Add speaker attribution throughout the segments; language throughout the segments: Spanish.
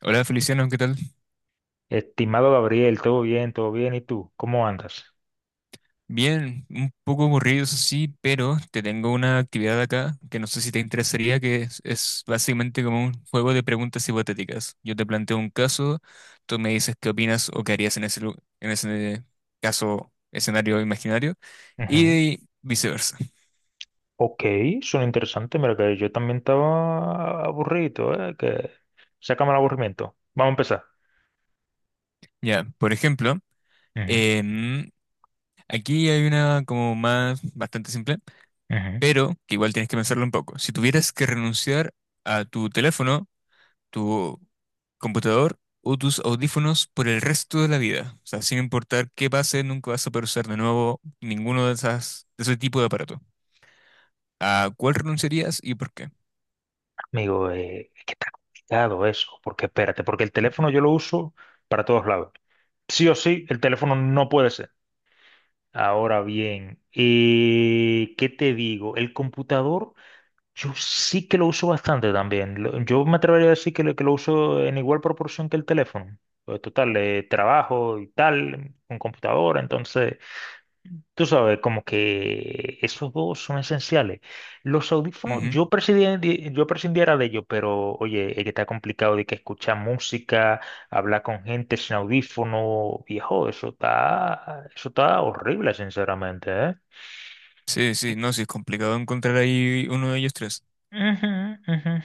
Speaker 1: Hola Feliciano, ¿qué tal?
Speaker 2: Estimado Gabriel, todo bien, todo bien. ¿Y tú? ¿Cómo andas?
Speaker 1: Bien, un poco aburrido eso sí, pero te tengo una actividad acá que no sé si te interesaría, que es básicamente como un juego de preguntas hipotéticas. Yo te planteo un caso, tú me dices qué opinas o qué harías en ese caso, escenario imaginario,
Speaker 2: Ujú.
Speaker 1: y viceversa.
Speaker 2: Ok, suena interesante. Mira que yo también estaba aburrido, ¿eh? Que sácame el aburrimiento. Vamos a empezar.
Speaker 1: Ya, por ejemplo,
Speaker 2: Ujú,
Speaker 1: em, aquí hay una como más bastante simple,
Speaker 2: ujú.
Speaker 1: pero que igual tienes que pensarlo un poco. Si tuvieras que renunciar a tu teléfono, tu computador o tus audífonos por el resto de la vida. O sea, sin importar qué pase, nunca vas a poder usar de nuevo de ese tipo de aparato. ¿A cuál renunciarías y por qué?
Speaker 2: Me digo es que está complicado eso, porque espérate, porque el teléfono yo lo uso para todos lados. Sí o sí, el teléfono no puede ser. Ahora bien, ¿qué te digo? El computador, yo sí que lo uso bastante también. Yo me atrevería a decir que que lo uso en igual proporción que el teléfono. Pues, total, trabajo y tal, con computadora, entonces. Tú sabes, como que esos dos son esenciales. Los audífonos,
Speaker 1: Ujú.
Speaker 2: yo prescindiera de ellos, pero oye, es que está complicado de que escuchar música, hablar con gente sin audífono, viejo, eso está horrible, sinceramente, ¿eh?
Speaker 1: Sí, sí, no, sí, es complicado encontrar ahí uno de ellos tres.
Speaker 2: Ujú, ujú.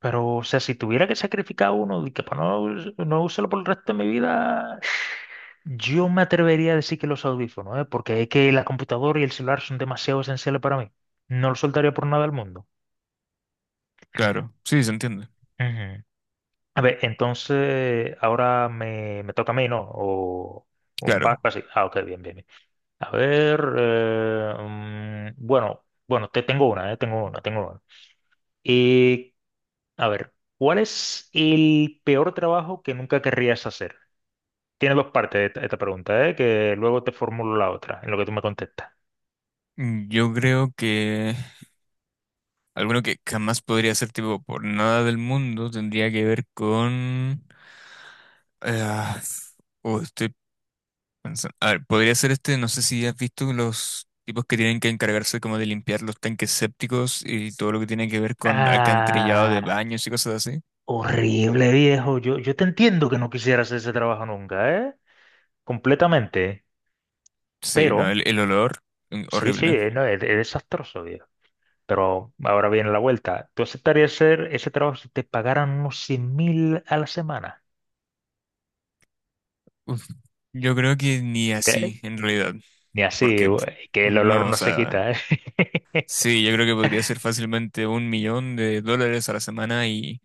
Speaker 2: Pero, o sea, si tuviera que sacrificar uno, de que para no, no usarlo por el resto de mi vida, yo me atrevería a decir que los audífonos, ¿eh? Porque es que la computadora y el celular son demasiado esenciales para mí. No los soltaría por nada del mundo.
Speaker 1: Claro, sí, se entiende.
Speaker 2: Ujú. A ver, entonces ahora me toca a mí, ¿no? O va
Speaker 1: Claro.
Speaker 2: así. Ah, ok, bien, bien, bien. A ver, bueno, bueno, te tengo una, tengo una, tengo una. Y, a ver, ¿cuál es el peor trabajo que nunca querrías hacer? Tiene dos partes esta pregunta, ¿eh? Que luego te formulo la otra, en lo que tú me contestas.
Speaker 1: Mm, yo creo que alguno que jamás podría ser tipo por nada del mundo tendría que ver con... ah, oh, estoy pensa- A ver, podría ser este, no sé si has visto los tipos que tienen que encargarse como de limpiar los tanques sépticos y todo lo que tiene que ver con alcantarillado de
Speaker 2: Ah,
Speaker 1: baños y cosas así.
Speaker 2: horrible, viejo. Yo te entiendo que no quisieras hacer ese trabajo nunca, ¿eh? Completamente.
Speaker 1: Sí, no,
Speaker 2: Pero.
Speaker 1: el, el olor, mm,
Speaker 2: Sí, sí,
Speaker 1: horrible.
Speaker 2: no, es desastroso, viejo. Pero ahora viene la vuelta. ¿Tú aceptarías hacer ese trabajo si te pagaran unos 100 mil a la semana?
Speaker 1: Uf. Yo creo que ni
Speaker 2: ¿Qué?
Speaker 1: así, en realidad,
Speaker 2: Ni así,
Speaker 1: porque pf,
Speaker 2: güey, que el olor
Speaker 1: no, o
Speaker 2: no se
Speaker 1: sea,
Speaker 2: quita, ¿eh?
Speaker 1: sí, yo creo que podría ser fácilmente $1.000.000 a la semana y,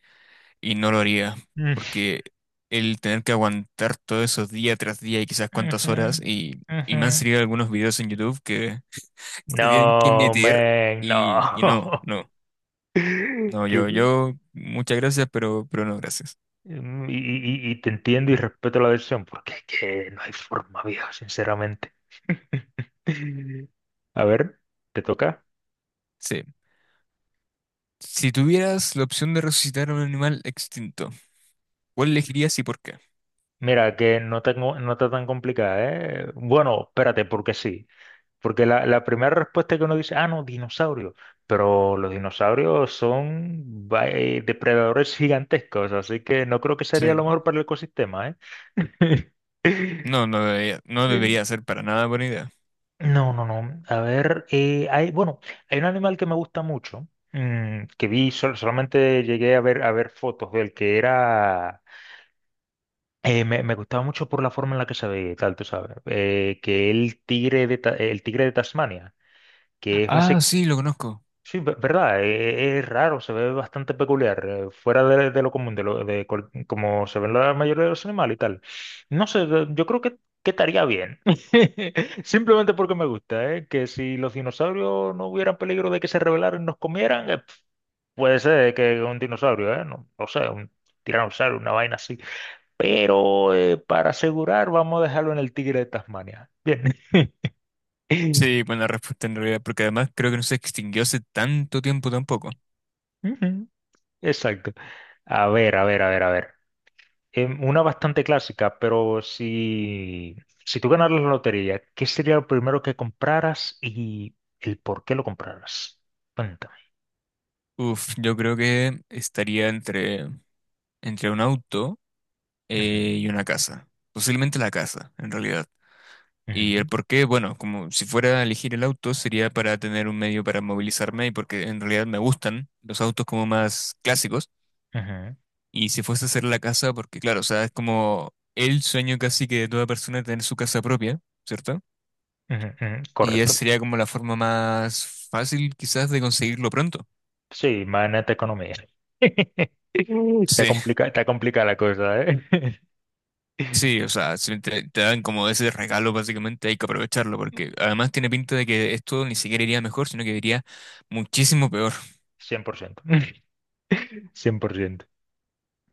Speaker 1: y no lo haría,
Speaker 2: Mm,
Speaker 1: porque el tener que aguantar todo eso día tras día y quizás cuántas
Speaker 2: ujú,
Speaker 1: horas y me han
Speaker 2: ujú.
Speaker 1: salido algunos videos en YouTube que se tienen que
Speaker 2: No,
Speaker 1: meter
Speaker 2: man,
Speaker 1: y no,
Speaker 2: no.
Speaker 1: no, no,
Speaker 2: Que,
Speaker 1: yo,
Speaker 2: güey,
Speaker 1: yo, muchas gracias, pero no, gracias.
Speaker 2: y te entiendo y respeto la decisión, porque es que no hay forma, viejo, sinceramente. A ver, ¿te toca?
Speaker 1: Sí. Si tuvieras la opción de resucitar a un animal extinto, ¿cuál elegirías y por qué?
Speaker 2: Mira, que no tengo, no no está tan complicada, ¿eh? Bueno, espérate, porque sí. Porque la primera respuesta que uno dice, ah, no, dinosaurio. Pero los dinosaurios son depredadores gigantescos, así que no creo que sería lo
Speaker 1: Sí.
Speaker 2: mejor para el ecosistema, ¿eh?
Speaker 1: No, no debería, no
Speaker 2: Sí.
Speaker 1: debería ser para nada buena idea.
Speaker 2: No, no, no. A ver, bueno, hay un animal que me gusta mucho, que vi, solamente llegué a ver fotos del que era. Me gustaba mucho por la forma en la que se veía y tal, tú sabes. Que el tigre de Tasmania, que es
Speaker 1: Ah,
Speaker 2: básicamente.
Speaker 1: sí, lo conozco.
Speaker 2: Sí, verdad, es raro, se ve bastante peculiar, fuera de lo común, de, lo, de cual- como se ven la mayoría de los animales y tal. No sé, yo creo que estaría bien. Simplemente porque me gusta, ¿eh? Que si los dinosaurios no hubieran peligro de que se rebelaran y nos comieran, puede ser que un dinosaurio, ¿eh? No, no sé, un tiranosaurio, una vaina, pero para asegurar, vamos a dejarlo en el Tigre de Tasmania. Bien.
Speaker 1: Sí, buena respuesta en realidad, porque además creo que no se extinguió hace tanto tiempo tampoco.
Speaker 2: Ujú, exacto. A ver, a ver, a ver, a ver. Una bastante clásica, pero si tú ganaras la lotería, ¿qué sería lo primero que compraras y el por qué lo compraras? Cuéntame.
Speaker 1: Uf, yo creo que estaría entre un auto
Speaker 2: Ujú,
Speaker 1: y una casa. Posiblemente la casa, en realidad. Y el
Speaker 2: ujú,
Speaker 1: por qué, bueno, como si fuera a elegir el auto, sería para tener un medio para movilizarme y porque en realidad me gustan los autos como más clásicos.
Speaker 2: ujú,
Speaker 1: Y si fuese a hacer la casa, porque claro, o sea, es como el sueño casi que de toda persona tener su casa propia, ¿cierto?
Speaker 2: ujú, ujú.
Speaker 1: Y
Speaker 2: Correcto.
Speaker 1: esa sería como la forma más fácil quizás de conseguirlo pronto.
Speaker 2: Sí, imagínate economía. Está
Speaker 1: Sí,
Speaker 2: complica, está complicada la cosa, ¿eh? Cien
Speaker 1: sí, o sea, si te dan como ese regalo básicamente hay que aprovecharlo porque además tiene pinta de que esto ni siquiera iría mejor, sino que iría muchísimo peor.
Speaker 2: Cien por ciento. 100%.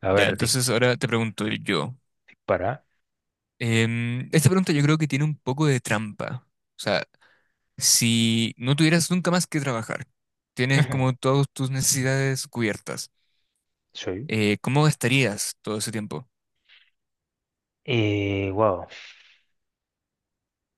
Speaker 2: A
Speaker 1: Ya,
Speaker 2: ver,
Speaker 1: entonces ahora te pregunto yo.
Speaker 2: dispara.
Speaker 1: Esta pregunta yo creo que tiene un poco de trampa. O sea, si no tuvieras nunca más que trabajar, tienes como todas tus necesidades cubiertas,
Speaker 2: Soy.
Speaker 1: ¿cómo gastarías todo ese tiempo?
Speaker 2: Y wow.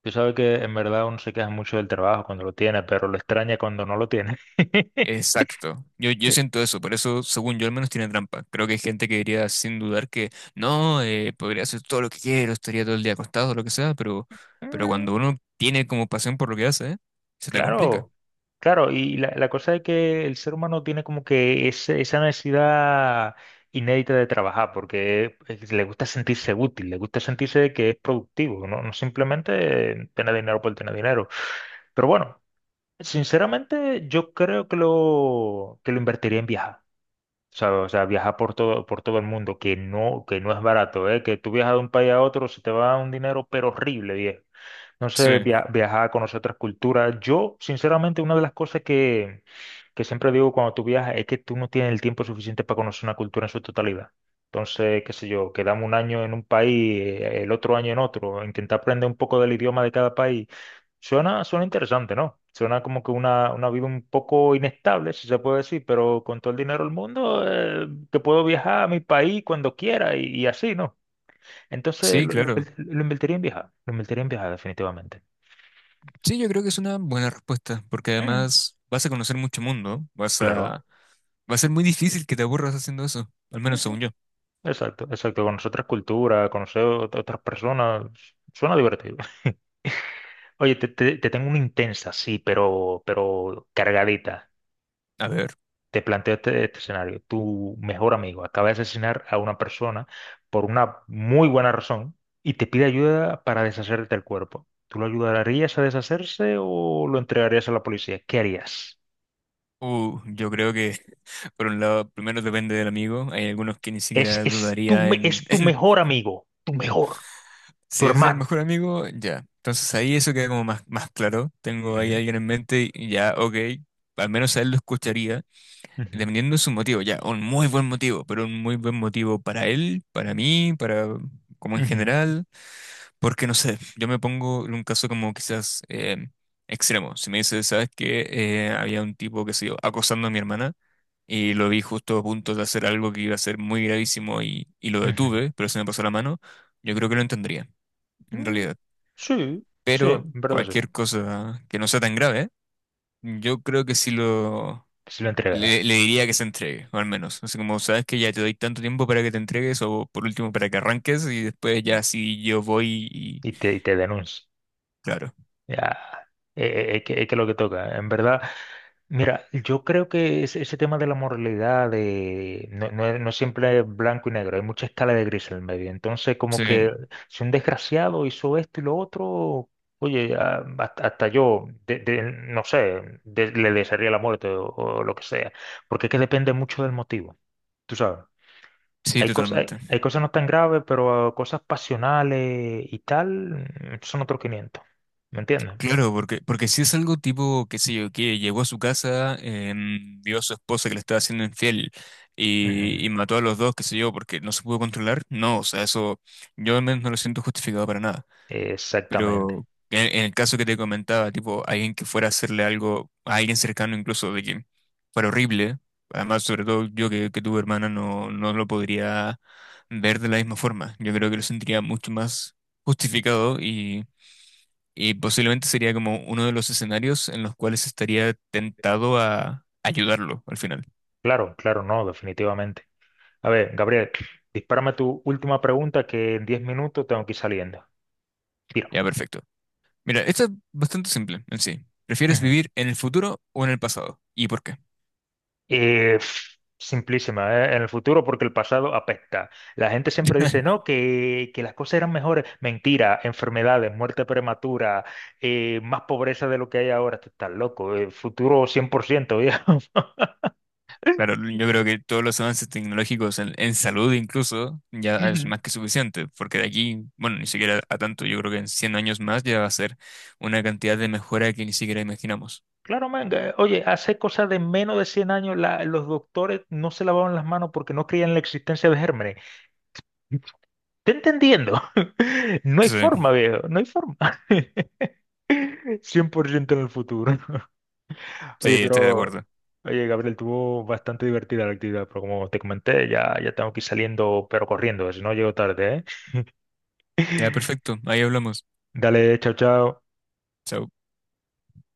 Speaker 2: Tú sabes que en verdad uno se queja mucho del trabajo cuando lo tiene, pero lo extraña cuando no lo tiene.
Speaker 1: Exacto. Yo siento eso, por eso, según yo, al menos tiene trampa. Creo que hay gente que diría sin dudar que no, podría hacer todo lo que quiero, estaría todo el día acostado, lo que sea, pero
Speaker 2: Mm,
Speaker 1: cuando uno tiene como pasión por lo que hace, se te complica.
Speaker 2: claro, claro. Y la cosa es que el ser humano tiene como que esa necesidad inédita de trabajar, porque le gusta sentirse útil, le gusta sentirse de que es productivo, no, no simplemente tener dinero por tener dinero. Pero bueno, sinceramente yo creo que lo invertiría en viajar. O sea, viajar por todo el mundo, que no es barato, ¿eh? Que tú viajas de un país a otro, se te va un dinero, pero horrible, viejo. No
Speaker 1: Sí,
Speaker 2: sé, viajar, conocer otras culturas. Yo, sinceramente, una de las cosas que siempre digo cuando tú viajas es que tú no tienes el tiempo suficiente para conocer una cultura en su totalidad. Entonces, qué sé yo, quedamos un año en un país, el otro año en otro, intentar aprender un poco del idioma de cada país. Suena interesante, ¿no? Suena como que una vida un poco inestable, si se puede decir, pero con todo el dinero del mundo, que puedo viajar a mi país cuando quiera y así, ¿no? Entonces,
Speaker 1: sí,
Speaker 2: lo, lo
Speaker 1: claro.
Speaker 2: invert- lo invertiría en viajar, lo invertiría en viajar definitivamente.
Speaker 1: Sí, yo creo que es una buena respuesta, porque
Speaker 2: Mm,
Speaker 1: además vas a conocer mucho mundo, vas
Speaker 2: claro.
Speaker 1: a... Va a ser muy difícil que te aburras haciendo eso, al menos según
Speaker 2: Ujú.
Speaker 1: yo.
Speaker 2: Exacto, exacto. Conocer otras culturas, conocer otras personas. Suena divertido. Oye, te tengo una intensa, sí, pero cargadita.
Speaker 1: A ver,
Speaker 2: Te planteo este escenario. Tu mejor amigo acaba de asesinar a una persona por una muy buena razón y te pide ayuda para deshacerte del cuerpo. ¿Tú lo ayudarías a deshacerse o lo entregarías a la policía? ¿Qué harías?
Speaker 1: yo creo que, por un lado, primero depende del amigo, hay algunos que ni
Speaker 2: Es,
Speaker 1: siquiera
Speaker 2: es tu,
Speaker 1: dudaría
Speaker 2: me-
Speaker 1: en,
Speaker 2: es tu
Speaker 1: en
Speaker 2: mejor amigo, tu mejor, tu
Speaker 1: si es el
Speaker 2: hermano.
Speaker 1: mejor amigo, ya. Entonces ahí eso queda como más, más claro, tengo ahí a
Speaker 2: Ujú,
Speaker 1: alguien en mente y ya, ok, al menos a él lo escucharía,
Speaker 2: ujú,
Speaker 1: dependiendo de su motivo, ya, un muy buen motivo, pero un muy buen motivo para él, para mí, para... como en
Speaker 2: ujú.
Speaker 1: general. Porque no sé, yo me pongo en un caso como quizás em, extremo. Si me dices, ¿sabes qué? Había un tipo, que se yo, acosando a mi hermana y lo vi justo a punto de hacer algo que iba a ser muy gravísimo y lo
Speaker 2: Ujú.
Speaker 1: detuve, pero se me pasó la mano, yo creo que lo entendería, en
Speaker 2: Mm,
Speaker 1: realidad.
Speaker 2: sí, sí,
Speaker 1: Pero
Speaker 2: en verdad sí.
Speaker 1: cualquier cosa que no sea tan grave, yo creo que sí lo...
Speaker 2: ¿Que lo entrega, eh,
Speaker 1: Le diría que se entregue, o al menos. Así como, sabes que ya te doy tanto tiempo para que te entregues, o por último para que arranques, y después ya sí yo voy y...
Speaker 2: y te denuncia?
Speaker 1: Claro.
Speaker 2: Ya, eh, que lo que toca. En verdad, mira, yo creo que ese tema de la moralidad de, no siempre es blanco y negro, hay mucha escala de gris en el medio. Entonces, como
Speaker 1: Sí.
Speaker 2: que si un desgraciado hizo esto y lo otro, oye, hasta yo, no sé, le desearía la muerte o lo que sea, porque es que depende mucho del motivo, tú sabes.
Speaker 1: Sí,
Speaker 2: Hay cosas,
Speaker 1: totalmente.
Speaker 2: hay cosas no tan graves, pero ah, cosas pasionales y tal, son otros quinientos. ¿Me entiendes?
Speaker 1: Claro, porque si es algo tipo, qué sé yo, que llegó a su casa, em, vio a su esposa que le estaba haciendo infiel
Speaker 2: Ujú,
Speaker 1: y mató a los dos, qué sé yo, porque no se pudo controlar, no, o sea, eso yo al menos no lo siento justificado para nada.
Speaker 2: exactamente.
Speaker 1: Pero en el caso que te comentaba, tipo, alguien que fuera a hacerle algo a alguien cercano incluso de que fuera horrible, además, sobre todo yo que tuve hermana, no, no lo podría ver de la misma forma. Yo creo que lo sentiría mucho más justificado. Y posiblemente sería como uno de los escenarios en los cuales estaría tentado a ayudarlo al final.
Speaker 2: Claro, claro, no, definitivamente. A ver, Gabriel, dispárame tu última pregunta, que en 10 minutos tengo que ir saliendo. Tira.
Speaker 1: Ya, perfecto. Mira, esto es bastante simple en sí. ¿Prefieres
Speaker 2: Ujú.
Speaker 1: vivir en el futuro o en el pasado? ¿Y por qué?
Speaker 2: Simplísima. En el futuro, porque el pasado apesta. La gente siempre dice, no, que las cosas eran mejores. Mentira, enfermedades, muerte prematura, más pobreza de lo que hay ahora. Tú estás loco. El futuro 100%, viejo.
Speaker 1: Claro, yo creo que todos los avances tecnológicos en salud incluso ya es
Speaker 2: Ujú.
Speaker 1: más que suficiente, porque de aquí, bueno, ni siquiera a tanto, yo creo que en 100 años más ya va a ser una cantidad de mejora que ni siquiera imaginamos.
Speaker 2: Claro, man, oye, hace cosa de menos de 100 años los doctores no se lavaban las manos porque no creían en la existencia de gérmenes. ¿Te entendiendo? No hay
Speaker 1: Sí,
Speaker 2: forma, viejo, no hay forma. Cien por ciento en el futuro. Oye,
Speaker 1: sí, estoy de
Speaker 2: pero,
Speaker 1: acuerdo.
Speaker 2: oye, Gabriel, tuvo bastante divertida la actividad, pero como te comenté, ya, tengo que ir saliendo, pero corriendo, si no llego tarde, ¿eh?
Speaker 1: Ya, perfecto, ahí hablamos.
Speaker 2: Dale, chao, chao.
Speaker 1: Chao.